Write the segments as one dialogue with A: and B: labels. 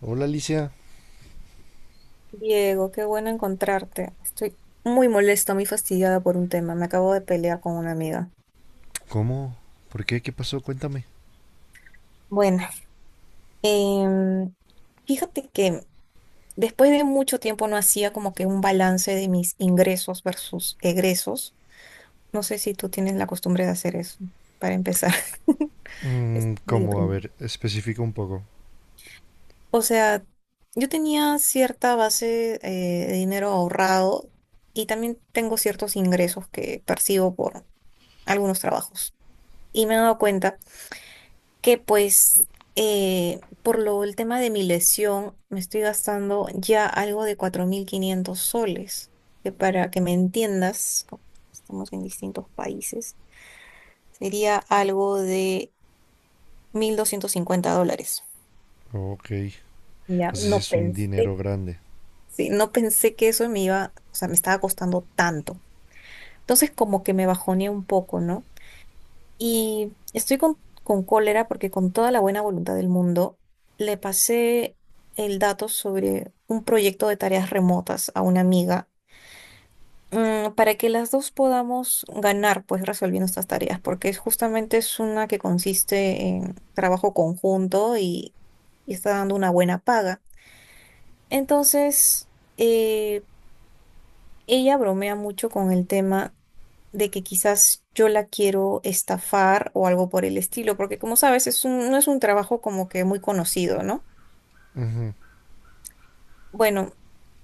A: Hola Alicia.
B: Diego, qué bueno encontrarte. Estoy muy molesta, muy fastidiada por un tema. Me acabo de pelear con una amiga.
A: ¿Cómo? ¿Por qué? ¿Qué pasó? Cuéntame.
B: Bueno, em, fíjate que después de mucho tiempo no hacía como que un balance de mis ingresos versus egresos. No sé si tú tienes la costumbre de hacer eso, para empezar. Es
A: Mm,
B: muy
A: ¿cómo? A
B: deprimente.
A: ver, especifica un poco.
B: O sea, yo tenía cierta base de dinero ahorrado y también tengo ciertos ingresos que percibo por algunos trabajos. Y me he dado cuenta que pues por lo el tema de mi lesión me estoy gastando ya algo de 4500 soles, que para que me entiendas, como estamos en distintos países, sería algo de 1250 dólares.
A: Ok.
B: Ya,
A: O sea, si
B: no
A: es un
B: pensé,
A: dinero grande.
B: sí, no pensé que eso me iba, o sea, me estaba costando tanto. Entonces como que me bajoneé un poco, ¿no? Y estoy con cólera porque con toda la buena voluntad del mundo le pasé el dato sobre un proyecto de tareas remotas a una amiga, para que las dos podamos ganar pues resolviendo estas tareas, porque es justamente es una que consiste en trabajo conjunto y está dando una buena paga. Entonces, eh, ella bromea mucho con el tema de que quizás yo la quiero estafar o algo por el estilo, porque como sabes, no es un trabajo como que muy conocido, ¿no? Bueno,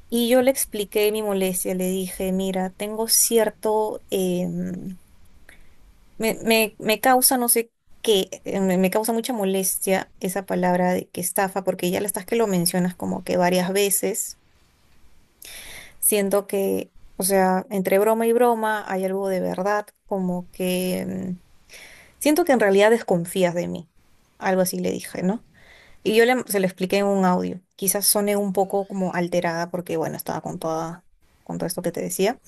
B: y yo le expliqué mi molestia, le dije, mira, tengo cierto, me causa no sé qué, me causa mucha molestia esa palabra de que estafa, porque ya la estás que lo mencionas como que varias veces, siento que, o sea, entre broma y broma hay algo de verdad, como que, siento que en realidad desconfías de mí. Algo así le dije, ¿no? Y se lo expliqué en un audio. Quizás soné un poco como alterada porque, bueno, con todo esto que te decía.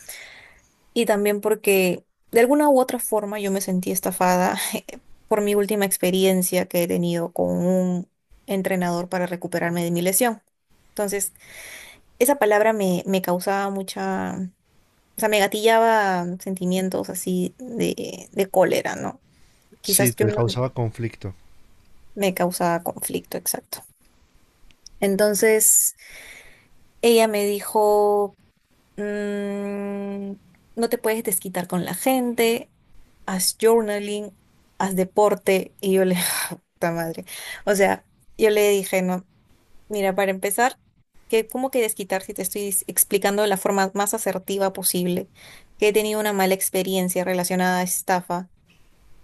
B: Y también porque de alguna u otra forma yo me sentí estafada por mi última experiencia que he tenido con un entrenador para recuperarme de mi lesión. Entonces, me causaba mucha, o sea, me gatillaba sentimientos así de cólera, ¿no?
A: Sí,
B: Quizás yo
A: te
B: no
A: causaba conflicto.
B: me causaba conflicto, exacto. Entonces, ella me dijo, "Mm, no te puedes desquitar con la gente, haz journaling, haz deporte". Y puta madre. O sea, yo le dije, no, mira, para empezar, que ¿cómo que desquitar si te estoy explicando de la forma más asertiva posible que he tenido una mala experiencia relacionada a estafa?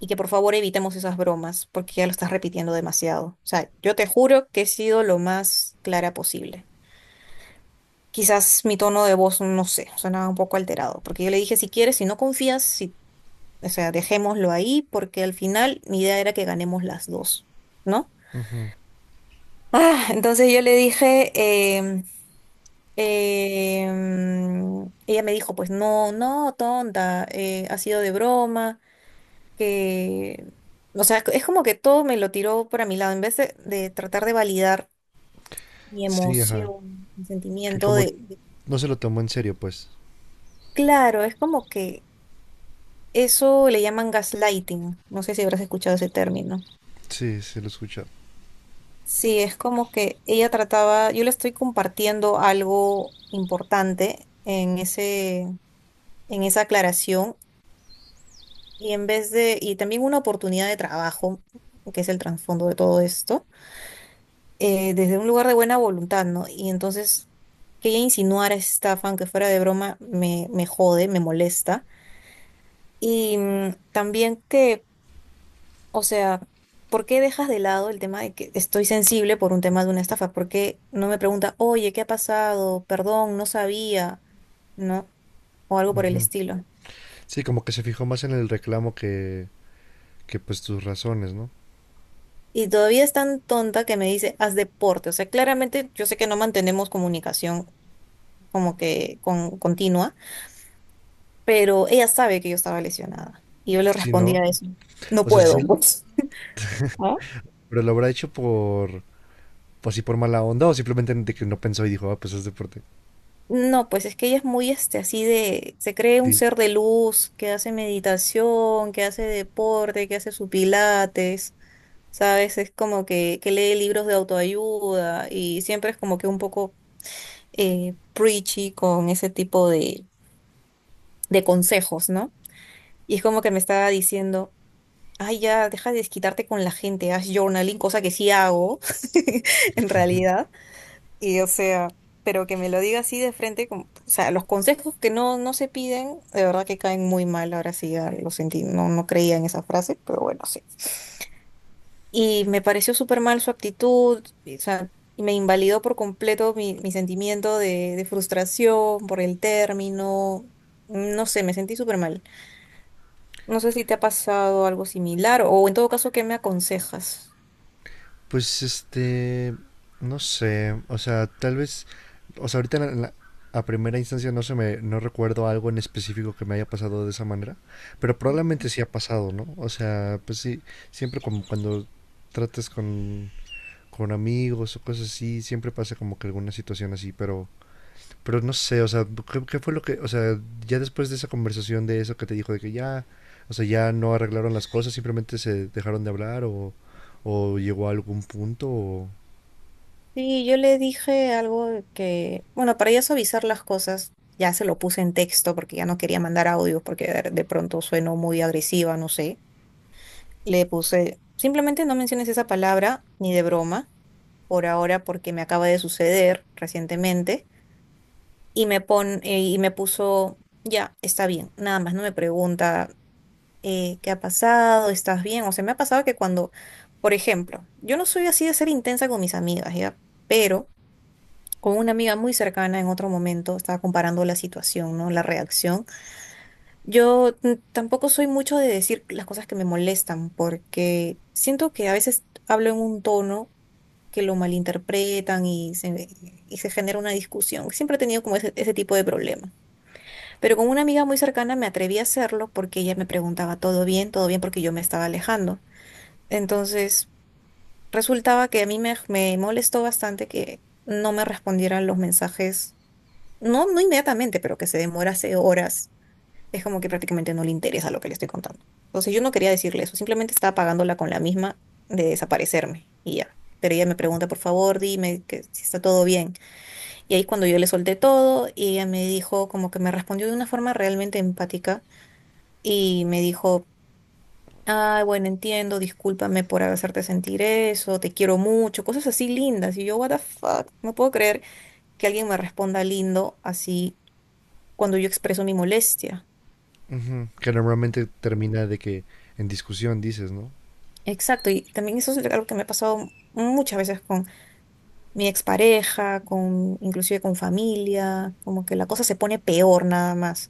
B: Y que por favor evitemos esas bromas porque ya lo estás repitiendo demasiado. O sea, yo te juro que he sido lo más clara posible. Quizás mi tono de voz, no sé, sonaba un poco alterado, porque yo le dije, si quieres, si no confías, si, o sea, dejémoslo ahí, porque al final mi idea era que ganemos las dos, ¿no? Ah, entonces yo le dije, em, em, ella me dijo, pues no, no, tonta, ha sido de broma. Que, o sea, es como que todo me lo tiró para mi lado, en vez de, tratar de validar mi
A: Sí, ajá.
B: emoción, mi
A: Que
B: sentimiento, de,
A: como
B: de-
A: no se lo tomó en serio, pues.
B: Claro, es como que eso le llaman gaslighting, no sé si habrás escuchado ese término.
A: Sí, se lo escucha.
B: Sí, es como que ella trataba, yo le estoy compartiendo algo importante en esa aclaración, y en vez de, y también una oportunidad de trabajo, que es el trasfondo de todo esto, desde un lugar de buena voluntad, ¿no? Y entonces que ella insinuara esta fan que fuera de broma me jode, me molesta. Y también que, o sea, ¿por qué dejas de lado el tema de que estoy sensible por un tema de una estafa? ¿Por qué no me pregunta, oye, qué ha pasado? Perdón, no sabía, ¿no? O algo por el estilo.
A: Sí, como que se fijó más en el reclamo que pues tus razones, ¿no?
B: Y todavía es tan tonta que me dice, haz deporte. O sea, claramente yo sé que no mantenemos comunicación como que continua, pero ella sabe que yo estaba lesionada. Y yo le
A: Sí, ¿no?
B: respondía eso, no
A: O sea, sí,
B: puedo, pues. ¿Ah?
A: pero lo habrá hecho por, pues, así por mala onda o simplemente de que no pensó y dijo, ah, pues es deporte.
B: No, pues es que ella es muy este, así de, se cree un ser de luz, que hace meditación, que hace deporte, que hace su pilates, ¿sabes? Es como que lee libros de autoayuda y siempre es como que un poco preachy con ese tipo de consejos, ¿no? Y es como que me estaba diciendo, ay, ya, deja de desquitarte con la gente, haz journaling, cosa que sí hago, en realidad. Y o sea, pero que me lo diga así de frente, como, o sea, los consejos que no, no se piden, de verdad que caen muy mal. Ahora sí, ya lo sentí, no, no creía en esa frase, pero bueno, sí. Y me pareció súper mal su actitud, y, o sea, y me invalidó por completo mi sentimiento de frustración por el término. No sé, me sentí súper mal. No sé si te ha pasado algo similar o en todo caso, ¿qué me aconsejas?
A: Pues no sé, o sea, tal vez, o sea, ahorita a primera instancia no se me, no recuerdo algo en específico que me haya pasado de esa manera, pero probablemente sí ha pasado, ¿no? O sea, pues sí, siempre como cuando tratas con amigos o cosas así, siempre pasa como que alguna situación así, pero no sé, o sea, ¿qué, qué fue lo que, o sea, ya después de esa conversación de eso que te dijo, de que ya, o sea, ya no arreglaron las cosas, simplemente se dejaron de hablar o llegó a algún punto, o...
B: Sí, yo le dije algo que, bueno, para ya suavizar las cosas, ya se lo puse en texto porque ya no quería mandar audios porque de pronto sueno muy agresiva, no sé. Le puse, simplemente no menciones esa palabra ni de broma por ahora porque me acaba de suceder recientemente y y me puso, ya, está bien, nada más, no me pregunta qué ha pasado, estás bien. O sea, me ha pasado que cuando, por ejemplo, yo no soy así de ser intensa con mis amigas, ¿ya? Pero... con una amiga muy cercana en otro momento, estaba comparando la situación, ¿no? La reacción. Yo tampoco soy mucho de decir las cosas que me molestan, porque siento que a veces hablo en un tono que lo malinterpretan y se genera una discusión. Siempre he tenido como ese tipo de problema. Pero con una amiga muy cercana me atreví a hacerlo porque ella me preguntaba, ¿todo bien? ¿Todo bien? Porque yo me estaba alejando. Entonces, resultaba que me molestó bastante que no me respondieran los mensajes. No inmediatamente, pero que se demorase horas, es como que prácticamente no le interesa lo que le estoy contando. Entonces yo no quería decirle eso, simplemente estaba pagándola con la misma de desaparecerme y ya. Pero ella me pregunta, por favor, dime que si está todo bien. Y ahí cuando yo le solté todo, y ella me dijo, como que me respondió de una forma realmente empática y me dijo, ay, bueno, entiendo, discúlpame por hacerte sentir eso, te quiero mucho, cosas así lindas. Y yo, what the fuck, no puedo creer que alguien me responda lindo así cuando yo expreso mi molestia.
A: Ujú, que normalmente termina de que en discusión dices, ¿no?
B: Exacto, y también eso es algo que me ha pasado muchas veces con mi expareja, con inclusive con familia, como que la cosa se pone peor nada más.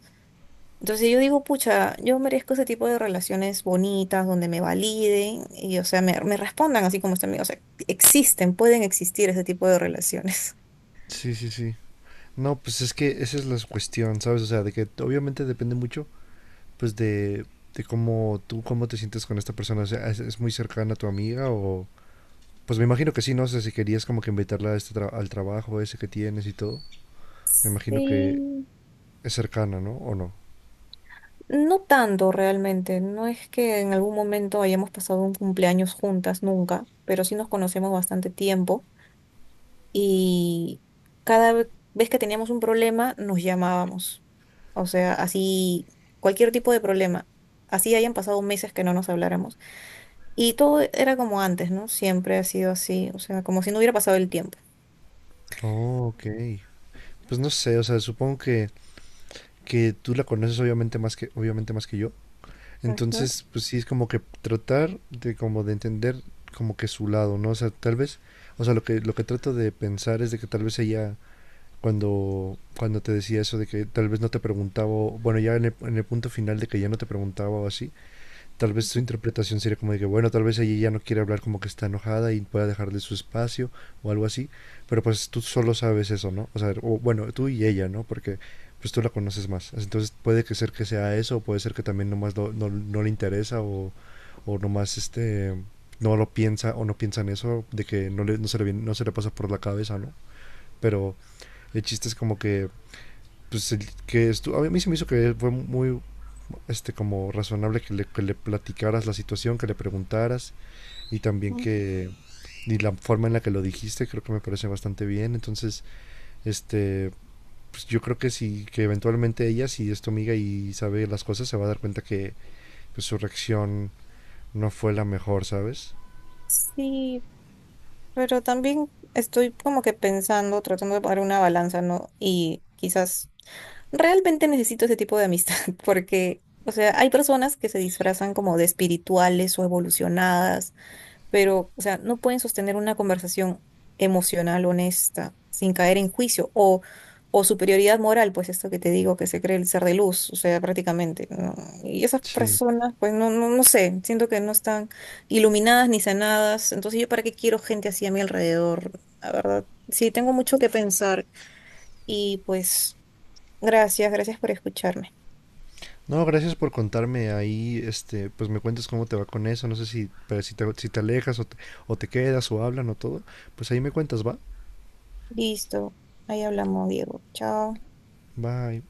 B: Entonces yo digo, pucha, yo merezco ese tipo de relaciones bonitas donde me validen o sea, me respondan así como están, o sea, existen, pueden existir ese tipo de relaciones.
A: Sí, sí, sí. No, pues es que esa es la cuestión, ¿sabes? O sea, de que obviamente depende mucho, pues de cómo tú, cómo te sientes con esta persona, o sea, es muy cercana a tu amiga o...? Pues me imagino que sí, no sé si querías como que invitarla a este al trabajo ese que tienes y todo. Me imagino que
B: Sí,
A: es cercana, ¿no? ¿O no?
B: no tanto realmente. No es que en algún momento hayamos pasado un cumpleaños juntas, nunca, pero sí nos conocemos bastante tiempo. Y vez que teníamos un problema nos llamábamos. O sea, así cualquier tipo de problema. Así hayan pasado meses que no nos habláramos. Y todo era como antes, ¿no? Siempre ha sido así, o sea, como si no hubiera pasado el tiempo.
A: Oh, ok. Pues no sé, o sea, supongo que tú la conoces obviamente más que yo.
B: Ujú,
A: Entonces, pues sí, es como que tratar de como de entender como que su lado, ¿no? O sea, tal vez, o sea, lo que trato de pensar es de que tal vez ella, cuando, cuando te decía eso de que tal vez no te preguntaba, o- bueno, ya en el punto final de que ya no te preguntaba o así, tal vez su interpretación sería como de que, bueno, tal vez ella ya no quiere hablar como que está enojada y pueda dejarle su espacio o algo así, pero pues tú solo sabes eso, ¿no? O sea, o, bueno, tú y ella, ¿no? Porque pues tú la conoces más. Entonces puede que ser que sea eso, o puede ser que también nomás no, no le interesa o nomás este, no lo piensa o no piensa en eso de que no, le, no, se le, no se le pasa por la cabeza, ¿no? Pero el chiste es como que pues a mí se me hizo que fue muy como razonable que le platicaras la situación, que le preguntaras y también
B: ujú.
A: que y la forma en la que lo dijiste creo que me parece bastante bien. Entonces, este pues yo creo que sí, que eventualmente ella, si es tu amiga y sabe las cosas, se va a dar cuenta que pues, su reacción no fue la mejor, ¿sabes?
B: Sí, pero también estoy como que pensando, tratando de poner una balanza, ¿no? Y quizás realmente necesito ese tipo de amistad, porque, o sea, hay personas que se disfrazan como de espirituales o evolucionadas pero, o sea, no pueden sostener una conversación emocional honesta sin caer en juicio o superioridad moral, pues esto que te digo, que se cree el ser de luz, o sea, prácticamente, ¿no? Y esas
A: Sí.
B: personas, pues no sé, siento que no están iluminadas ni sanadas, entonces yo para qué quiero gente así a mi alrededor, la verdad. Sí, tengo mucho que pensar y pues gracias, gracias por escucharme.
A: No, gracias por contarme ahí, pues me cuentas cómo te va con eso, no sé si, pero si, te, si te alejas o te quedas o hablan o todo, pues ahí me cuentas, ¿va?
B: Listo, ahí hablamos, Diego. Chao.
A: Bye.